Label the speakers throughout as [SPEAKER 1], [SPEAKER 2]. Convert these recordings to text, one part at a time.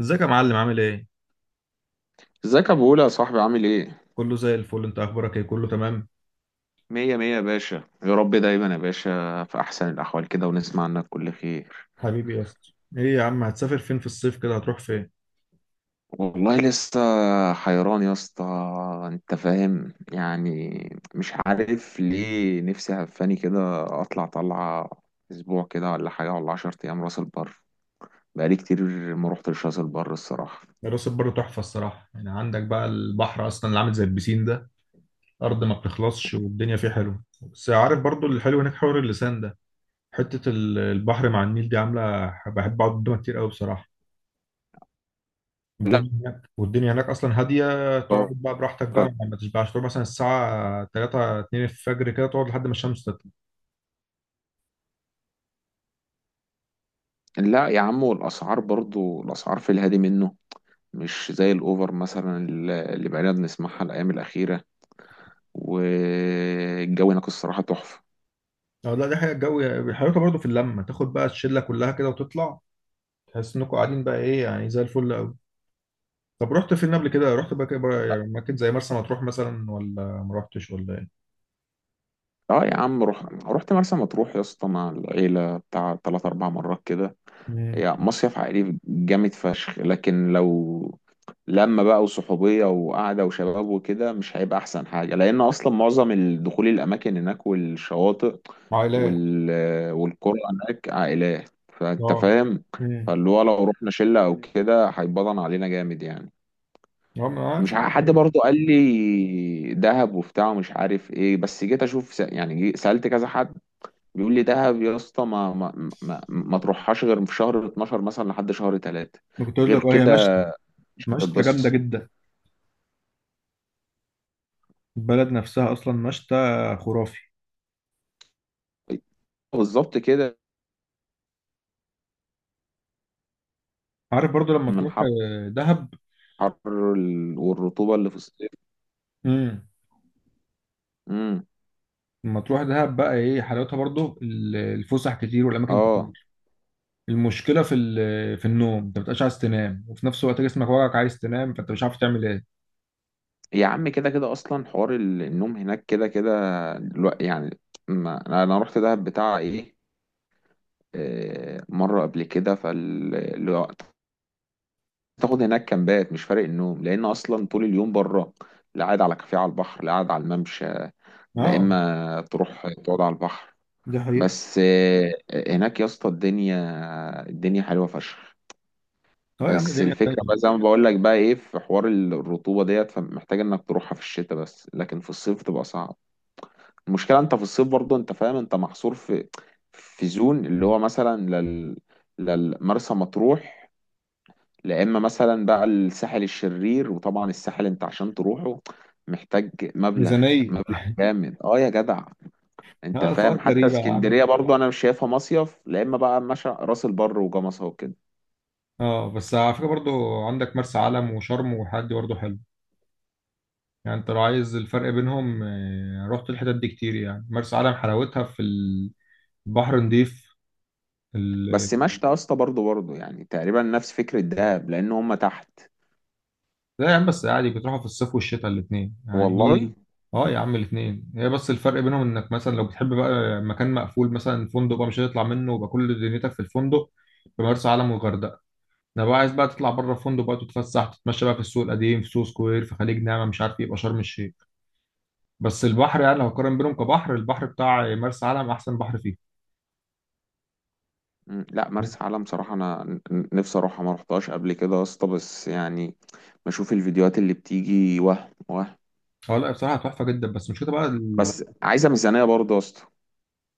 [SPEAKER 1] ازيك يا معلم؟ عامل ايه؟
[SPEAKER 2] ازيك يا ابو، ولا يا صاحبي، عامل ايه؟
[SPEAKER 1] كله زي الفل. انت اخبارك ايه؟ كله تمام؟
[SPEAKER 2] مية مية يا باشا. يا رب دايما يا باشا في احسن الاحوال كده، ونسمع عنك كل خير.
[SPEAKER 1] حبيبي يا اسطى، ايه يا عم هتسافر فين في الصيف كده؟ هتروح فين؟
[SPEAKER 2] والله لسه حيران يا اسطى، انت فاهم يعني. مش عارف ليه، نفسي هفاني كده اطلع طلعة اسبوع كده ولا حاجة، ولا 10 ايام راس البر. بقالي كتير ما روحتش راس البر الصراحة.
[SPEAKER 1] راس البر تحفة الصراحة، يعني عندك بقى البحر اصلا اللي عامل زي البسين ده، ارض ما بتخلصش والدنيا فيه حلوة. بس عارف برضو الحلو هناك، حوار اللسان ده، حتة البحر مع النيل دي، عاملة بحب اقعد قدامها كتير قوي بصراحة.
[SPEAKER 2] لا.
[SPEAKER 1] الدنيا هناك والدنيا هناك اصلا هادية. تقعد بقى براحتك بقى، ما تشبعش، تقعد مثلا الساعة 3 2 الفجر كده تقعد لحد ما الشمس.
[SPEAKER 2] لا يا عم، والاسعار برضو، الاسعار في الهادي منه، مش زي الاوفر مثلا اللي بقينا بنسمعها الايام الاخيرة. والجو هناك الصراحة تحفة.
[SPEAKER 1] اه لا، دي حاجه الجو بيحركها برضه. في اللمه تاخد بقى الشله كلها كده وتطلع، تحس انكم قاعدين بقى ايه يعني، زي الفل قوي. طب رحت فين قبل كده؟ رحت بقى كده بقى، يعني مكان زي مرسى مطروح مثلا، ولا ما رحتش ولا ايه؟
[SPEAKER 2] اه يا عم، روح رحت مرسى مطروح يا اسطى مع العيلة بتاع تلات أربع مرات كده.
[SPEAKER 1] امم.
[SPEAKER 2] هي مصيف عائلي جامد فشخ، لكن لو لما بقى وصحوبية وقعدة وشباب وكده مش هيبقى أحسن حاجة، لأن أصلا معظم الدخول الأماكن هناك والشواطئ
[SPEAKER 1] عائلات.
[SPEAKER 2] وال... والقرى هناك عائلات، فأنت
[SPEAKER 1] اه.
[SPEAKER 2] فاهم.
[SPEAKER 1] امم.
[SPEAKER 2] فاللي هو لو رحنا شلة أو كده هيبطن علينا جامد يعني.
[SPEAKER 1] اه ما أنا عارف
[SPEAKER 2] مش ع- حد
[SPEAKER 1] ده.
[SPEAKER 2] برضه قال لي دهب وبتاع ومش عارف ايه، بس جيت اشوف، سألت كذا حد، بيقول لي دهب يا اسطى، ما تروحهاش غير في شهر 12 مثلا لحد شهر 3.
[SPEAKER 1] ما كنت اقول
[SPEAKER 2] غير
[SPEAKER 1] لك، اه هي مشتى.
[SPEAKER 2] كده مش
[SPEAKER 1] مشتى جامده
[SPEAKER 2] هتتبسط.
[SPEAKER 1] جدا. البلد نفسها اصلا مشتى خرافي.
[SPEAKER 2] بالظبط كده.
[SPEAKER 1] عارف برضو لما
[SPEAKER 2] من
[SPEAKER 1] تروح
[SPEAKER 2] حر،
[SPEAKER 1] دهب.
[SPEAKER 2] والرطوبة اللي في الصيف.
[SPEAKER 1] امم.
[SPEAKER 2] امم.
[SPEAKER 1] لما تروح دهب بقى، ايه حلاوتها؟ برضو الفسح كتير والاماكن.
[SPEAKER 2] اه
[SPEAKER 1] المشكله في في النوم، انت ما بتبقاش عايز تنام، وفي نفس الوقت جسمك وجعك عايز تنام، فانت مش عارف تعمل ايه.
[SPEAKER 2] يا عم، كده كده اصلا حوار النوم هناك كده كده. الو- يعني ما انا أنا رحت دهب بتاع ايه، مرة قبل كده فال. تاخد هناك كامبات مش فارق النوم، لان اصلا طول اليوم بره. لا قاعد على كافيه على البحر، لا قاعد على الممشى، لا
[SPEAKER 1] اه،
[SPEAKER 2] اما تروح تقعد على البحر.
[SPEAKER 1] دي حقيقة.
[SPEAKER 2] بس آه، هناك يا اسطى الدنيا، الدنيا حلوه فشخ.
[SPEAKER 1] اه يا عم
[SPEAKER 2] بس
[SPEAKER 1] الدنيا
[SPEAKER 2] الفكره
[SPEAKER 1] تانية.
[SPEAKER 2] بقى زي ما بقول لك، بقى ايه، في حوار الرطوبه ديت، فمحتاج انك تروحها في الشتاء بس، لكن في الصيف تبقى صعب. المشكله انت في الصيف برضه، انت فاهم، انت محصور في زون، اللي هو مثلا للمرسى مطروح. لا اما مثلا بقى الساحل الشرير، وطبعا الساحل انت عشان تروحه محتاج مبلغ،
[SPEAKER 1] ميزانيه.
[SPEAKER 2] مبلغ جامد، اه يا جدع. انت
[SPEAKER 1] اه، سؤال
[SPEAKER 2] فاهم، حتى
[SPEAKER 1] غريبه يا عم.
[SPEAKER 2] اسكندريه برضو انا مش شايفها مصيف، لا اما بقى مشى راس البر وجمصة وكده.
[SPEAKER 1] اه بس على فكره برضو، عندك مرسى علم وشرم والحاجات دي برضو حلو. يعني انت لو عايز الفرق بينهم، رحت الحتت دي كتير، يعني مرسى علم حلاوتها في البحر نضيف.
[SPEAKER 2] بس مشت يا اسطى، برضو يعني تقريبا نفس فكره دهب لان هم تحت.
[SPEAKER 1] لا يا عم بس عادي، بتروحوا في الصيف والشتاء الاثنين، يعني
[SPEAKER 2] والله.
[SPEAKER 1] دي. اه يا عم الاثنين، هي بس الفرق بينهم انك مثلا لو بتحب بقى مكان مقفول، مثلا فندق بقى مش هتطلع منه ويبقى كل دنيتك في الفندق، في مرسى علم والغردقه. انا بقى عايز بقى تطلع بره الفندق بقى، تتفسح تتمشى بقى في السوق القديم، في سوق سكوير، في خليج نعمه، مش عارف ايه، يبقى شرم الشيخ. بس البحر، يعني لو هقارن بينهم كبحر، البحر بتاع مرسى علم احسن بحر فيه.
[SPEAKER 2] مم، لا مرسى علم صراحه انا نفسي اروحها، ما رحتهاش قبل كده يا اسطى، بس يعني بشوف الفيديوهات اللي بتيجي وهم وهم.
[SPEAKER 1] اه لا بصراحه تحفه جدا، بس مشكلة بقى ال...
[SPEAKER 2] بس عايزه ميزانيه برضو يا اسطى.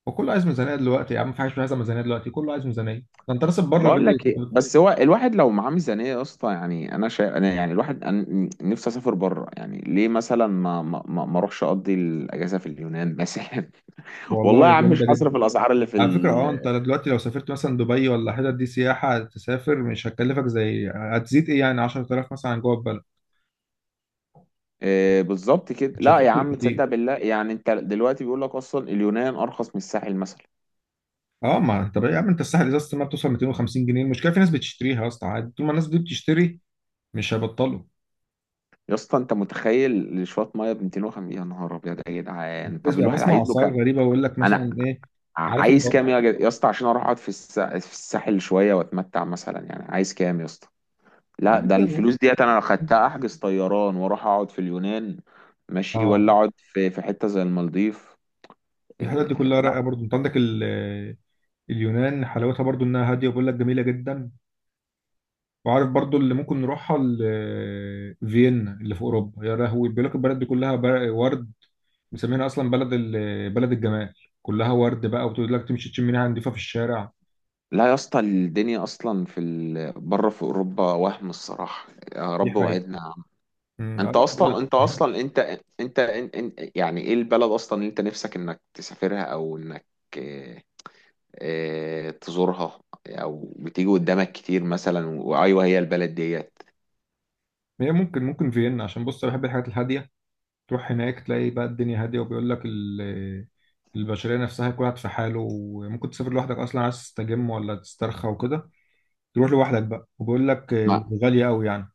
[SPEAKER 1] وكله عايز ميزانيه دلوقتي يا عم، في حاجه مش عايزه ميزانيه دلوقتي؟ كله عايز ميزانيه. ده انت راس البر
[SPEAKER 2] بقول
[SPEAKER 1] غالي،
[SPEAKER 2] لك
[SPEAKER 1] انت
[SPEAKER 2] ايه، بس هو الواحد لو معاه ميزانيه يا اسطى، يعني انا شايف، انا يعني الواحد، أنا نفسي اسافر بره، يعني ليه مثلا ما اروحش اقضي الاجازه في اليونان مثلا؟
[SPEAKER 1] والله
[SPEAKER 2] والله يا عم مش
[SPEAKER 1] جامده جدا.
[SPEAKER 2] هصرف الاسعار اللي في
[SPEAKER 1] على فكرة اه، انت دلوقتي لو سافرت مثلا دبي ولا حتت دي سياحة تسافر، مش هتكلفك، زي هتزيد ايه يعني 10,000 مثلا عن جوه البلد،
[SPEAKER 2] آه، بالظبط كده.
[SPEAKER 1] مش
[SPEAKER 2] لا يا
[SPEAKER 1] هتفرق
[SPEAKER 2] عم تصدق
[SPEAKER 1] كتير.
[SPEAKER 2] بالله، يعني انت دلوقتي بيقول لك اصلا اليونان ارخص من الساحل مثلا.
[SPEAKER 1] اه ما انت بقى يا عم، انت الساحل ازازة ما بتوصل 250 جنيه، المشكلة في ناس بتشتريها يا اسطى عادي، طول ما الناس دي بتشتري مش هيبطلوا.
[SPEAKER 2] يا اسطى، انت متخيل لشويه ميه ب 250؟ يا نهار ابيض يا جدعان!
[SPEAKER 1] بس
[SPEAKER 2] طب
[SPEAKER 1] بقى
[SPEAKER 2] الواحد
[SPEAKER 1] بسمع
[SPEAKER 2] عايز له
[SPEAKER 1] اسعار
[SPEAKER 2] كام؟
[SPEAKER 1] غريبة، ويقول لك
[SPEAKER 2] انا
[SPEAKER 1] مثلا ايه. عارف
[SPEAKER 2] عايز كام
[SPEAKER 1] الب...
[SPEAKER 2] يا اسطى، عشان اروح اقعد في في الساحل شويه واتمتع مثلا؟ يعني عايز كام يا اسطى؟ لا
[SPEAKER 1] يعني
[SPEAKER 2] ده
[SPEAKER 1] كده.
[SPEAKER 2] الفلوس ديت انا لو خدتها احجز طيران واروح اقعد في اليونان، ماشي، ولا
[SPEAKER 1] اه
[SPEAKER 2] اقعد في حته زي المالديف.
[SPEAKER 1] الحاجات دي كلها
[SPEAKER 2] لا.
[SPEAKER 1] رايقة، برضو انت عندك ال... اليونان حلاوتها برضو انها هادية، وبيقول لك جميلة جدا. وعارف برضو اللي ممكن نروحها فيينا، اللي في اوروبا، يا لهوي بيقول لك البلد دي كلها ورد. مسمينها اصلا بلد بلد الجمال، كلها ورد بقى، وبتقول لك تمشي تشم ريحه نضيفه في الشارع.
[SPEAKER 2] لا يا اسطى، الدنيا اصلا في بره في اوروبا وهم الصراحه. يا
[SPEAKER 1] دي
[SPEAKER 2] رب
[SPEAKER 1] حقيقة.
[SPEAKER 2] وعدنا يا عم.
[SPEAKER 1] أمم،
[SPEAKER 2] انت
[SPEAKER 1] أعرف.
[SPEAKER 2] اصلا انت
[SPEAKER 1] يعني
[SPEAKER 2] اصلا انت انت, انت, انت يعني ايه البلد اصلا اللي انت نفسك انك تسافرها، او انك إيه، تزورها، او بتيجي قدامك كتير مثلا، وايوه هي البلد ديت؟
[SPEAKER 1] هي ممكن، فيينا، عشان بص أنا بحب الحاجات الهاديه. تروح هناك تلاقي بقى الدنيا هاديه، وبيقول لك البشريه نفسها كل واحد في حاله. وممكن تسافر لوحدك اصلا، عايز تستجم ولا تسترخى وكده، تروح لوحدك بقى، وبيقول لك
[SPEAKER 2] ما
[SPEAKER 1] غاليه قوي يعني.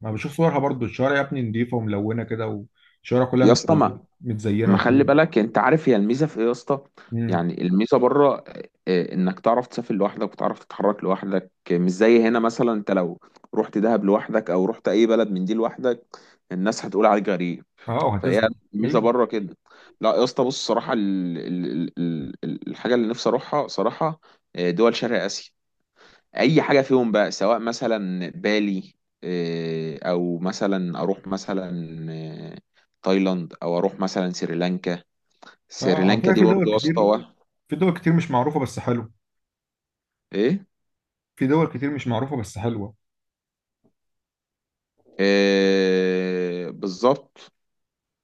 [SPEAKER 1] ما بشوف صورها برضو، الشوارع يا ابني نضيفة وملونة كده، والشوارع كلها
[SPEAKER 2] يا اسطى
[SPEAKER 1] متزينة
[SPEAKER 2] ما ما خلي
[SPEAKER 1] وحلوة.
[SPEAKER 2] بالك، انت عارف هي الميزه في ايه يا اسطى؟
[SPEAKER 1] امم.
[SPEAKER 2] يعني الميزه بره، انك تعرف تسافر لوحدك، وتعرف تتحرك لوحدك، مش زي هنا مثلا. انت لو رحت دهب لوحدك، او رحت اي بلد من دي لوحدك، الناس هتقول عليك غريب.
[SPEAKER 1] اه
[SPEAKER 2] فهي
[SPEAKER 1] وهتزهق.
[SPEAKER 2] الميزه
[SPEAKER 1] ايوه.
[SPEAKER 2] بره كده. لا يا اسطى، بص صراحه، الحاجه اللي نفسي اروحها صراحه دول شرق اسيا. اي حاجه فيهم بقى، سواء مثلا بالي، او مثلا اروح مثلا آه، تايلاند، او اروح مثلا سريلانكا.
[SPEAKER 1] اه على
[SPEAKER 2] سريلانكا
[SPEAKER 1] فكرة
[SPEAKER 2] دي
[SPEAKER 1] في
[SPEAKER 2] برضو
[SPEAKER 1] دول
[SPEAKER 2] يا اسطى
[SPEAKER 1] كتير،
[SPEAKER 2] وهم.
[SPEAKER 1] في دول كتير مش معروفة بس حلوة،
[SPEAKER 2] ايه.
[SPEAKER 1] في دول كتير مش معروفة بس حلوة،
[SPEAKER 2] آه بالظبط.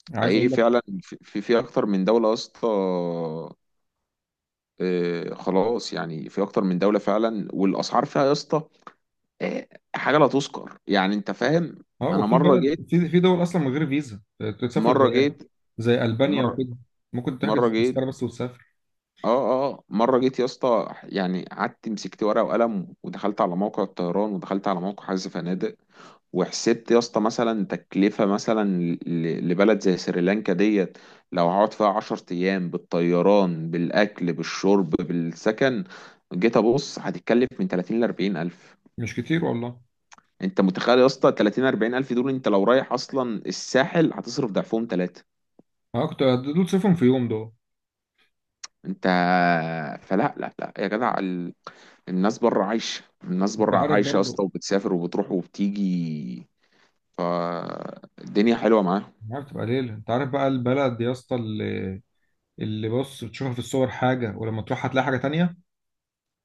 [SPEAKER 1] يعني عايز
[SPEAKER 2] حقيقي
[SPEAKER 1] اقول لك.
[SPEAKER 2] فعلا في اكتر من دوله يا اسطى. آه خلاص، يعني في اكتر من دوله فعلا. والاسعار فيها يا اسطى، آه، حاجه لا تذكر، يعني انت فاهم.
[SPEAKER 1] اه
[SPEAKER 2] انا
[SPEAKER 1] وفي
[SPEAKER 2] مره جيت
[SPEAKER 1] بلد، في دول اصلا من غير فيزا، تسافر
[SPEAKER 2] مره
[SPEAKER 1] زي،
[SPEAKER 2] جيت
[SPEAKER 1] زي البانيا
[SPEAKER 2] مره
[SPEAKER 1] وكده، ممكن
[SPEAKER 2] مره
[SPEAKER 1] تحجز
[SPEAKER 2] جيت
[SPEAKER 1] تذكرة بس وتسافر.
[SPEAKER 2] اه مره جيت يا اسطى، يعني قعدت مسكت ورقه وقلم، ودخلت على موقع الطيران، ودخلت على موقع حجز فنادق، وحسبت يا اسطى مثلا تكلفه مثلا لبلد زي سريلانكا ديت، لو هقعد فيها 10 ايام، بالطيران بالاكل بالشرب بالسكن، جيت ابص هتتكلف من 30 ل 40 الف.
[SPEAKER 1] مش كتير والله.
[SPEAKER 2] انت متخيل يا اسطى؟ 30 40 الف دول، انت لو رايح اصلا الساحل هتصرف ضعفهم ثلاثه.
[SPEAKER 1] اه كنت دول تسافرهم في يوم دول.
[SPEAKER 2] انت فلا، لا يا جدع الناس بره عايشه، الناس
[SPEAKER 1] انت
[SPEAKER 2] بره
[SPEAKER 1] عارف
[SPEAKER 2] عايشه يا
[SPEAKER 1] برضو،
[SPEAKER 2] اسطى، وبتسافر وبتروح وبتيجي. فالدنيا حلوه معاهم.
[SPEAKER 1] عارف تبقى ليلة. انت عارف بقى البلد يا اسطى، اللي بص بتشوفها في الصور حاجة، ولما تروح هتلاقي حاجة تانية.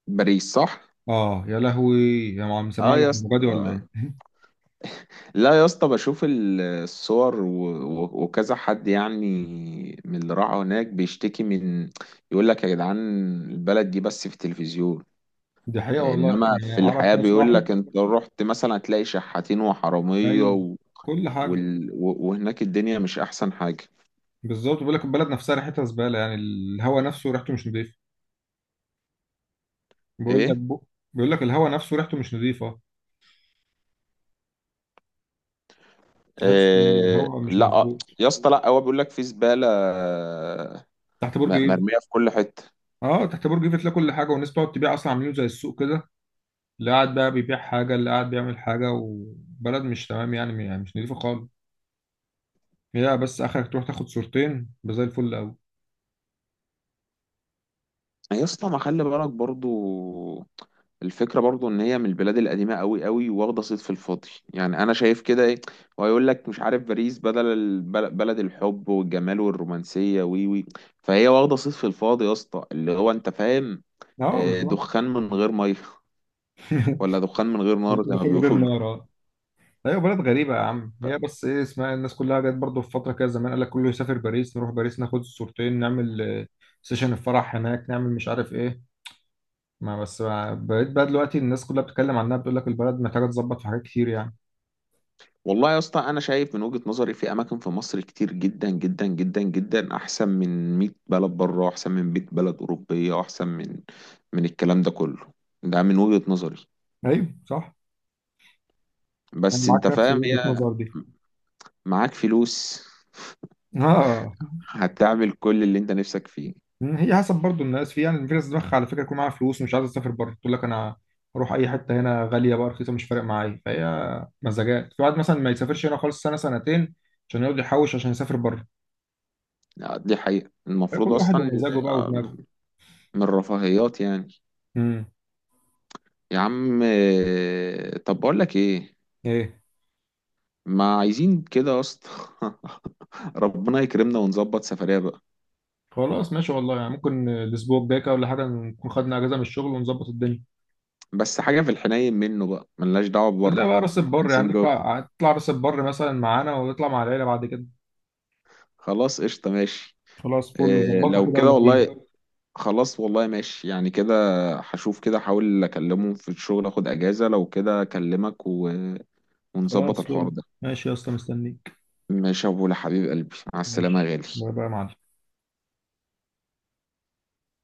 [SPEAKER 2] باريس صح؟
[SPEAKER 1] اه يا لهوي. يا عم مسمع
[SPEAKER 2] اه
[SPEAKER 1] لك
[SPEAKER 2] يا اسطى
[SPEAKER 1] المبادئ ولا
[SPEAKER 2] آه.
[SPEAKER 1] ايه؟
[SPEAKER 2] لا يا اسطى، بشوف الصور وكذا حد يعني من اللي راح هناك بيشتكي، يقول لك يا جدعان، البلد دي بس في التلفزيون،
[SPEAKER 1] دي حقيقه والله،
[SPEAKER 2] انما
[SPEAKER 1] يعني
[SPEAKER 2] في
[SPEAKER 1] اعرف
[SPEAKER 2] الحياة
[SPEAKER 1] ناس
[SPEAKER 2] بيقول
[SPEAKER 1] راحت.
[SPEAKER 2] لك انت رحت مثلا هتلاقي شحاتين وحرامية
[SPEAKER 1] ايوه، كل حاجه.
[SPEAKER 2] وهناك الدنيا مش احسن حاجة.
[SPEAKER 1] بالظبط، بيقول لك البلد نفسها ريحتها زباله، يعني الهواء نفسه ريحته مش نظيفه. بيقول لك
[SPEAKER 2] ايه.
[SPEAKER 1] بو... بيقول لك الهواء نفسه ريحته مش نظيفه، تحس ان
[SPEAKER 2] آه
[SPEAKER 1] الهواء مش
[SPEAKER 2] لا،
[SPEAKER 1] مظبوط.
[SPEAKER 2] يا اسطى لا، هو بيقول لك في زباله،
[SPEAKER 1] تحت برج ايفل.
[SPEAKER 2] مرميه في كل حته.
[SPEAKER 1] اه تحت برج ايفل تلاقي كل حاجه، والناس بتقعد تبيع اصلا، عاملين زي السوق كده، اللي قاعد بقى بيبيع حاجه، اللي قاعد بيعمل حاجه، وبلد مش تمام يعني، يعني مش نظيفه خالص. هي بس اخرك تروح تاخد صورتين بزي الفل قوي.
[SPEAKER 2] يا اسطى ما خلي بالك برضو، الفكره برضو ان هي من البلاد القديمه قوي قوي، واخده صيت في الفاضي يعني، انا شايف كده. ايه؟ ويقول لك مش عارف، باريس بدل بلد الحب والجمال والرومانسيه وي وي فهي واخده صيت في الفاضي يا اسطى، اللي هو انت فاهم.
[SPEAKER 1] اه بالظبط.
[SPEAKER 2] دخان من غير ميه، ولا دخان من غير نار زي ما
[SPEAKER 1] دخول من غير
[SPEAKER 2] بيقولوا.
[SPEAKER 1] نار آه. ايوه بلد غريبه يا عم. هي بس ايه اسمها الناس كلها جت برضه في فتره كده زمان، قال لك كله يسافر باريس، نروح باريس ناخد صورتين، نعمل سيشن الفرح هناك، نعمل مش عارف ايه. ما بس بقيت بقى دلوقتي الناس كلها بتتكلم عنها، بتقول لك البلد محتاجه تظبط في حاجات كتير يعني.
[SPEAKER 2] والله يا اسطى، انا شايف من وجهة نظري في اماكن في مصر كتير جدا جدا جدا جدا احسن من 100 بلد بره، احسن من 100 بلد اوروبيه، احسن من من الكلام ده كله. ده من وجهة نظري.
[SPEAKER 1] ايوه صح، انا
[SPEAKER 2] بس انت
[SPEAKER 1] معاك نفس
[SPEAKER 2] فاهم،
[SPEAKER 1] وجهه
[SPEAKER 2] هي
[SPEAKER 1] النظر دي.
[SPEAKER 2] معاك فلوس
[SPEAKER 1] اه
[SPEAKER 2] هتعمل كل اللي انت نفسك فيه.
[SPEAKER 1] هي حسب برضو الناس، في يعني في ناس دماغها على فكره يكون معاها فلوس ومش عايزه تسافر بره، تقول لك انا اروح اي حته هنا غاليه بقى رخيصه، مش فارق معايا، فهي مزاجات. في واحد مثلا ما يسافرش هنا خالص سنه سنتين عشان يقعد يحوش عشان يسافر بره.
[SPEAKER 2] دي حقيقة،
[SPEAKER 1] فكل
[SPEAKER 2] المفروض
[SPEAKER 1] واحد
[SPEAKER 2] اصلا
[SPEAKER 1] ومزاجه بقى ودماغه.
[SPEAKER 2] من الرفاهيات يعني.
[SPEAKER 1] امم.
[SPEAKER 2] يا عم طب بقول لك ايه،
[SPEAKER 1] ايه.
[SPEAKER 2] ما عايزين كده يا اسطى. ربنا يكرمنا ونظبط سفرية،
[SPEAKER 1] خلاص ماشي والله، يعني ممكن الاسبوع الجاي كده ولا حاجه نكون خدنا اجازه من الشغل ونظبط الدنيا.
[SPEAKER 2] بس حاجة في الحنين منه بقى، ملناش دعوة
[SPEAKER 1] خليها
[SPEAKER 2] ببره،
[SPEAKER 1] بقى راس
[SPEAKER 2] احنا
[SPEAKER 1] البر، يعني
[SPEAKER 2] عايزين جوه.
[SPEAKER 1] نطلع، نطلع راس البر مثلا معانا، ونطلع مع العيله بعد كده.
[SPEAKER 2] خلاص قشطة ماشي.
[SPEAKER 1] خلاص فل،
[SPEAKER 2] إيه
[SPEAKER 1] ظبطها
[SPEAKER 2] لو
[SPEAKER 1] كده
[SPEAKER 2] كده
[SPEAKER 1] ولا فين؟
[SPEAKER 2] والله، خلاص والله، ماشي يعني كده. هشوف كده، احاول اكلمه في الشغل اخد اجازة، لو كده اكلمك ونظبط
[SPEAKER 1] خلاص
[SPEAKER 2] الحوار
[SPEAKER 1] فل.
[SPEAKER 2] ده.
[SPEAKER 1] ماشي يا اسطى، مستنيك.
[SPEAKER 2] ماشي يا ابو حبيب قلبي، مع السلامة يا
[SPEAKER 1] ماشي،
[SPEAKER 2] غالي.
[SPEAKER 1] باي باي يا معلم.